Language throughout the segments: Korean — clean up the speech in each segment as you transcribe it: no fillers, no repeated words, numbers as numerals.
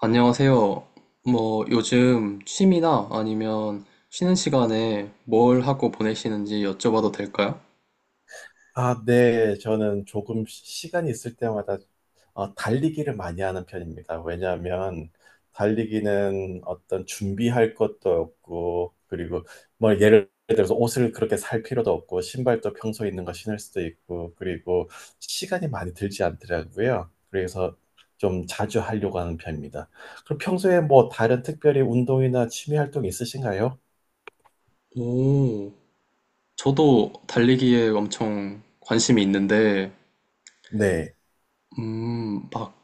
안녕하세요. 뭐 요즘 취미나 아니면 쉬는 시간에 뭘 하고 보내시는지 여쭤봐도 될까요? 아, 네. 저는 조금 시간이 있을 때마다 달리기를 많이 하는 편입니다. 왜냐하면 달리기는 어떤 준비할 것도 없고, 그리고 뭐 예를 들어서 옷을 그렇게 살 필요도 없고, 신발도 평소에 있는 거 신을 수도 있고, 그리고 시간이 많이 들지 않더라고요. 그래서 좀 자주 하려고 하는 편입니다. 그럼 평소에 뭐 다른 특별히 운동이나 취미 활동 있으신가요? 오, 저도 달리기에 엄청 관심이 있는데, 네. 막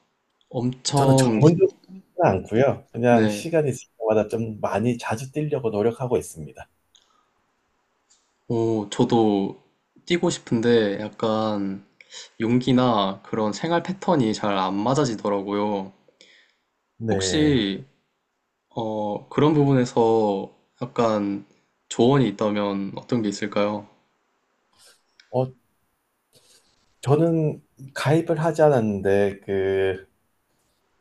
저는 엄청, 전문적으로 않고요. 그냥 네, 시간이 있을 때마다 좀 많이 자주 뛰려고 노력하고 있습니다. 오, 저도 뛰고 싶은데 약간 용기나 그런 생활 패턴이 잘 안 맞아지더라고요. 네. 혹시, 그런 부분에서 약간 조언이 있다면 어떤 게 있을까요? 어, 저는 가입을 하지 않았는데, 그,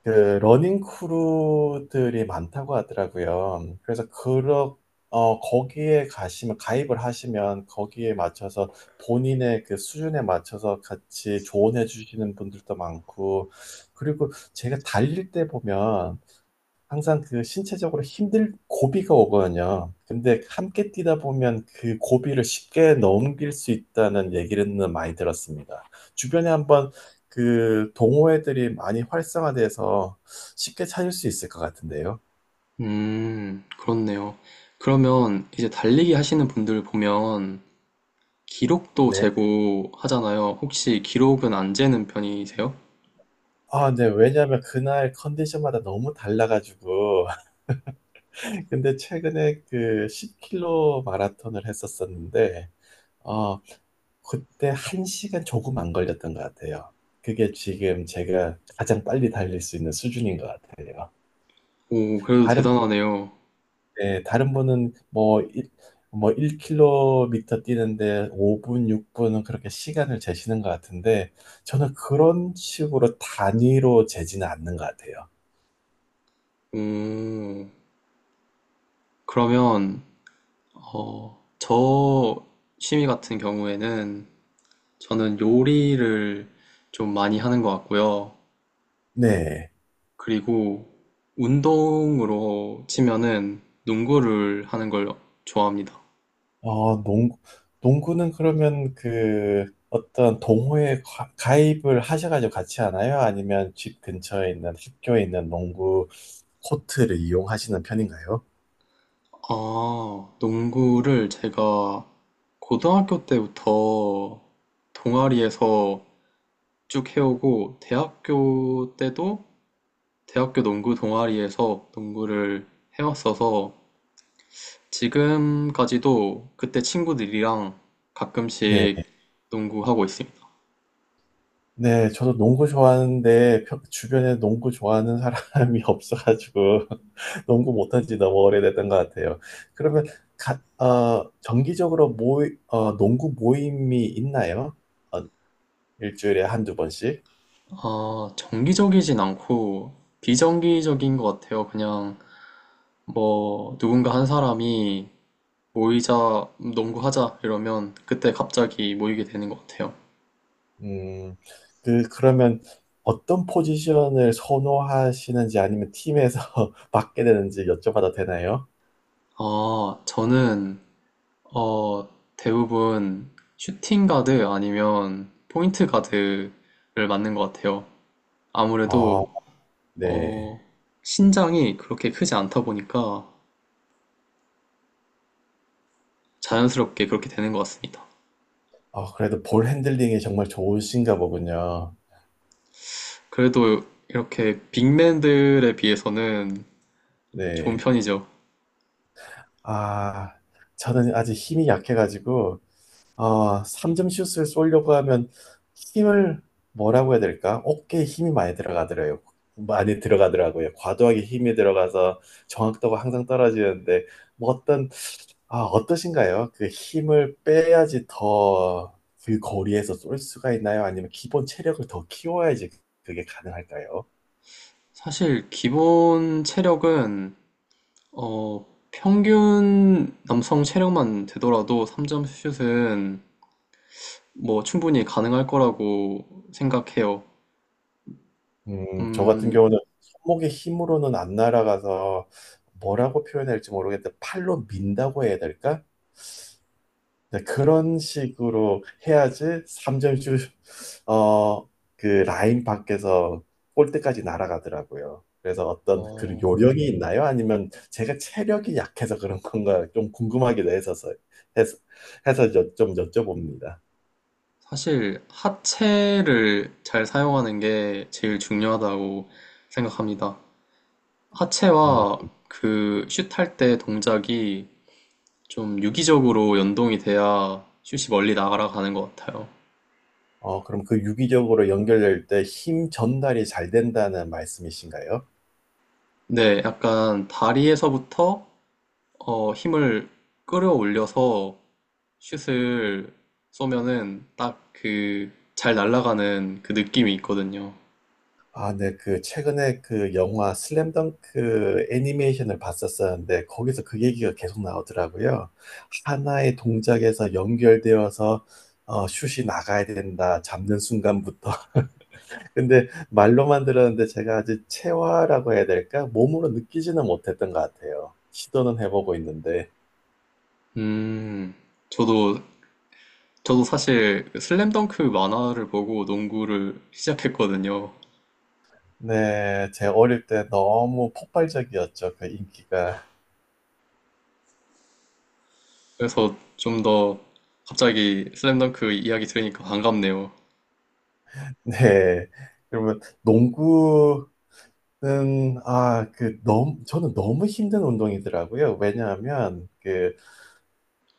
그, 러닝 크루들이 많다고 하더라고요. 그래서, 거기에 가시면, 가입을 하시면, 거기에 맞춰서 본인의 그 수준에 맞춰서 같이 조언해 주시는 분들도 많고, 그리고 제가 달릴 때 보면, 항상 그 신체적으로 힘들 고비가 오거든요. 근데 함께 뛰다 보면 그 고비를 쉽게 넘길 수 있다는 얘기는 많이 들었습니다. 주변에 한번 그 동호회들이 많이 활성화돼서 쉽게 찾을 수 있을 것 같은데요. 그렇네요. 그러면 이제 달리기 하시는 분들 보면 기록도 네. 재고 하잖아요. 혹시 기록은 안 재는 편이세요? 아, 네. 왜냐하면 그날 컨디션마다 너무 달라가지고. 근데 최근에 그 10킬로 마라톤을 했었었는데, 어, 그때 한시간 조금 안 걸렸던 것 같아요. 그게 지금 제가 가장 빨리 달릴 수 있는 수준인 것 같아요. 오, 그래도 다른, 대단하네요. 네, 다른 분은 뭐 1km 뛰는데 5분, 6분은 그렇게 시간을 재시는 것 같은데 저는 그런 식으로 단위로 재지는 않는 것 같아요. 오, 그러면, 저 취미 같은 경우에는 저는 요리를 좀 많이 하는 것 같고요. 네. 그리고 운동으로 치면은 농구를 하는 걸 좋아합니다. 어, 농구, 농구는 그러면 그 어떤 동호회 가입을 하셔가지고 같이 하나요? 아니면 집 근처에 있는 학교에 있는 농구 코트를 이용하시는 편인가요? 아, 농구를 제가 고등학교 때부터 동아리에서 쭉 해오고, 대학교 때도 대학교 농구 동아리에서 농구를 해왔어서, 지금까지도 그때 친구들이랑 네, 가끔씩 농구하고 있습니다. 네, 저도 농구 좋아하는데 주변에 농구 좋아하는 사람이 없어가지고 농구 못한 지 너무 오래됐던 것 같아요. 그러면 가, 정기적으로 농구 모임이 있나요? 어, 일주일에 한두 번씩? 아, 정기적이진 않고, 비정기적인 것 같아요. 그냥 뭐, 누군가 한 사람이 모이자, 농구하자 이러면 그때 갑자기 모이게 되는 것 같아요. 음, 그러면 어떤 포지션을 선호하시는지 아니면 팀에서 맡게 되는지 여쭤봐도 되나요? 아, 저는 어, 대부분 슈팅 가드 아니면 포인트 가드를 맞는 것 같아요. 아, 아무래도 네. 어, 신장이 그렇게 크지 않다 보니까 자연스럽게 그렇게 되는 것 같습니다. 아, 그래도 볼 핸들링이 정말 좋으신가 보군요. 그래도 이렇게 빅맨들에 비해서는 좋은 네. 편이죠. 아, 저는 아직 힘이 약해가지고, 아, 3점 슛을 쏘려고 하면 힘을 뭐라고 해야 될까? 어깨에 힘이 많이 들어가더라고요. 많이 들어가더라고요. 과도하게 힘이 들어가서 정확도가 항상 떨어지는데, 뭐 어떠신가요? 그 힘을 빼야지 더 그 거리에서 쏠 수가 있나요? 아니면 기본 체력을 더 키워야지 그게 가능할까요? 사실 기본 체력은 어, 평균 남성 체력만 되더라도 3점 슛은 뭐 충분히 가능할 거라고 생각해요. 저 같은 음, 경우는 손목의 힘으로는 안 날아가서 뭐라고 표현할지 모르겠는데 팔로 민다고 해야 될까? 이제 그런 식으로 해야지 3점슛 어, 그 라인 밖에서 골대까지 날아가더라고요. 그래서 어떤 그 어, 요령이 있나요? 아니면 제가 체력이 약해서 그런 건가 좀 궁금하기도 해서 해서 좀 여쭤봅니다. 사실 하체를 잘 사용하는 게 제일 중요하다고 생각합니다. 음, 하체와 그 슛할 때 동작이 좀 유기적으로 연동이 돼야 슛이 멀리 날아가는 것 같아요. 그럼 그 유기적으로 연결될 때 힘 전달이 잘 된다는 말씀이신가요? 네, 약간 다리에서부터 힘을 끌어올려서 슛을 쏘면은 딱 그 잘 날아가는 그 느낌이 있거든요. 아, 네. 최근에 그 영화 슬램덩크 애니메이션을 봤었었는데, 거기서 그 얘기가 계속 나오더라고요. 하나의 동작에서 연결되어서, 슛이 나가야 된다, 잡는 순간부터. 근데 말로만 들었는데 제가 아직 체화라고 해야 될까? 몸으로 느끼지는 못했던 것 같아요. 시도는 해보고 있는데. 음, 저도 저도 사실 슬램덩크 만화를 보고 농구를 시작했거든요. 네, 제 어릴 때 너무 폭발적이었죠, 그 인기가. 그래서 좀 더 갑자기 슬램덩크 이야기 들으니까 반갑네요. 네. 그러면 농구 아, 그, 너무, 저는 너무 힘든 운동이더라고요. 왜냐하면 그,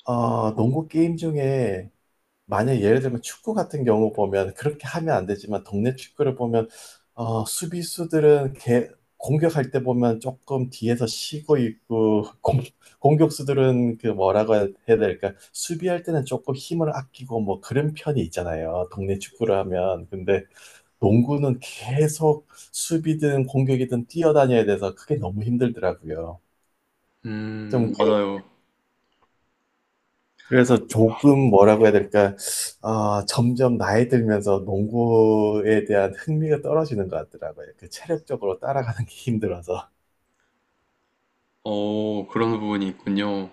어, 농구 게임 중에, 만약 예를 들면 축구 같은 경우 보면, 그렇게 하면 안 되지만, 동네 축구를 보면, 수비수들은 공격할 때 보면 조금 뒤에서 쉬고 있고, 공격수들은 그 뭐라고 해야 될까, 수비할 때는 조금 힘을 아끼고, 뭐 그런 편이 있잖아요. 동네 축구를 하면. 근데 농구는 계속 수비든 공격이든 뛰어다녀야 돼서 그게 너무 힘들더라고요. 좀 맞아요. 그래서 조금 뭐라고 해야 될까? 아, 점점 나이 들면서 농구에 대한 흥미가 떨어지는 것 같더라고요. 그 체력적으로 따라가는 게 힘들어서. 어, 그런 부분이 있군요.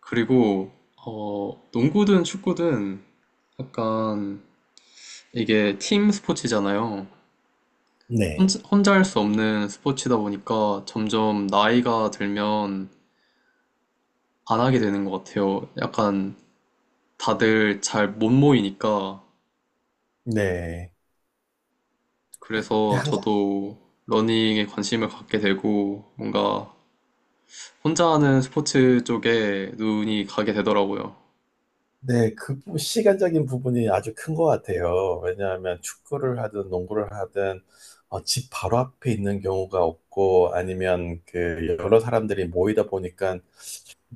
그리고 어, 농구든 축구든 약간 이게 팀 스포츠잖아요. 네. 혼자 할 수 없는 스포츠다 보니까 점점 나이가 들면 안 하게 되는 것 같아요. 약간 다들 잘 못 모이니까 네. 그래서 근데 항상 저도 러닝에 관심을 갖게 되고 뭔가 혼자 하는 스포츠 쪽에 눈이 가게 되더라고요. 네, 시간적인 부분이 아주 큰 것 같아요. 왜냐하면 축구를 하든 농구를 하든 집 바로 앞에 있는 경우가 없고 아니면 그 여러 사람들이 모이다 보니까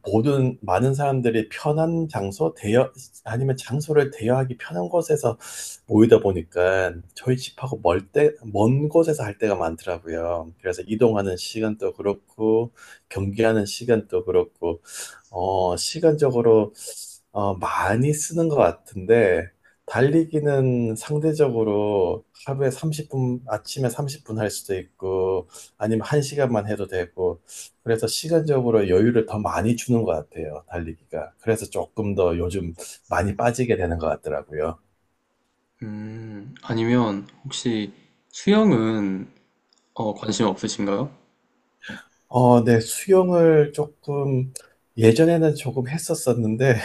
모든 많은 사람들이 편한 장소, 아니면 장소를 대여하기 편한 곳에서 모이다 보니까 저희 집하고 먼 곳에서 할 때가 많더라고요. 그래서 이동하는 시간도 그렇고, 경기하는 시간도 그렇고, 시간적으로 많이 쓰는 것 같은데, 달리기는 상대적으로 하루에 30분, 아침에 30분 할 수도 있고, 아니면 1시간만 해도 되고, 그래서 시간적으로 여유를 더 많이 주는 것 같아요, 달리기가. 그래서 조금 더 요즘 많이 빠지게 되는 것 같더라고요. 아니면 혹시 수영은 관심 없으신가요? 네, 예전에는 조금 했었었는데,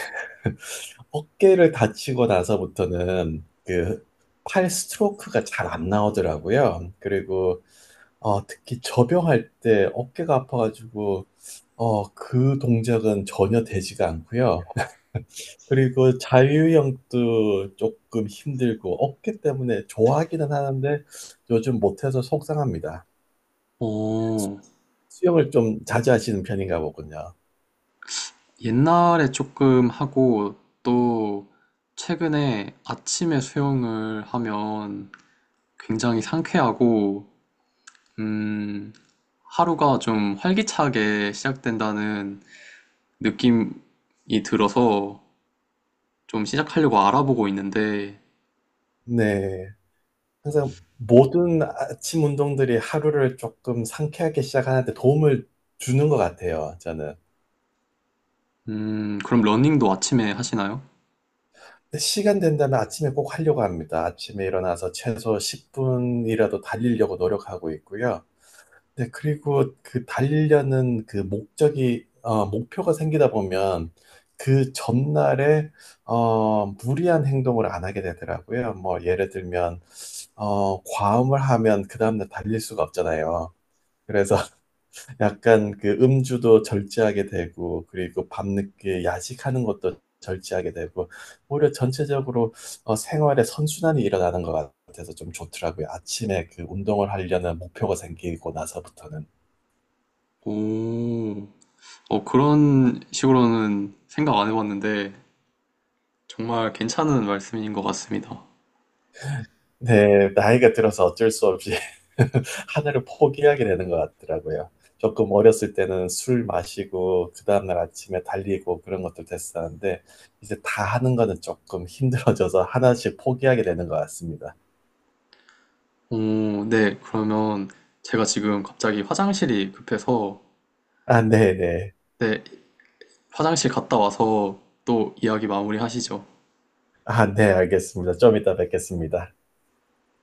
어깨를 다치고 나서부터는 팔 스트로크가 잘 안 나오더라고요. 그리고 특히 접영할 때 어깨가 아파가지고, 그 동작은 전혀 되지가 않고요. 그리고 자유형도 조금 힘들고 없기 때문에 좋아하기는 하는데 요즘 못해서 속상합니다. 오, 수영을 좀 자주 하시는 편인가 보군요. 옛날에 조금 하고 또 최근에 아침에 수영을 하면 굉장히 상쾌하고 음, 하루가 좀 활기차게 시작된다는 느낌이 들어서 좀 시작하려고 알아보고 있는데 네. 항상 모든 아침 운동들이 하루를 조금 상쾌하게 시작하는데 도움을 주는 것 같아요, 저는. 그럼 러닝도 아침에 하시나요? 근데 시간 된다면 아침에 꼭 하려고 합니다. 아침에 일어나서 최소 10분이라도 달리려고 노력하고 있고요. 네, 그리고 그 달리려는 그 목표가 생기다 보면 그 전날에 무리한 행동을 안 하게 되더라고요. 뭐, 예를 들면 과음을 하면 그 다음날 달릴 수가 없잖아요. 그래서 약간 그 음주도 절제하게 되고, 그리고 밤늦게 야식하는 것도 절제하게 되고, 오히려 전체적으로 생활에 선순환이 일어나는 것 같아서 좀 좋더라고요. 아침에 그 운동을 하려는 목표가 생기고 나서부터는. 오, 어, 그런 식으로는 생각 안 해봤는데 정말 괜찮은 말씀인 것 같습니다. 네, 나이가 들어서 어쩔 수 없이 하늘을 포기하게 되는 것 같더라고요. 조금 어렸을 때는 술 마시고 그 다음날 아침에 달리고 그런 것들 됐었는데 이제 다 하는 거는 조금 힘들어져서 하나씩 포기하게 되는 것 같습니다. 오, 네. 그러면 제가 지금 갑자기 화장실이 급해서, 아, 네네. 네, 화장실 갔다 와서 또 이야기 마무리 하시죠. 아, 네, 알겠습니다. 좀 이따 뵙겠습니다.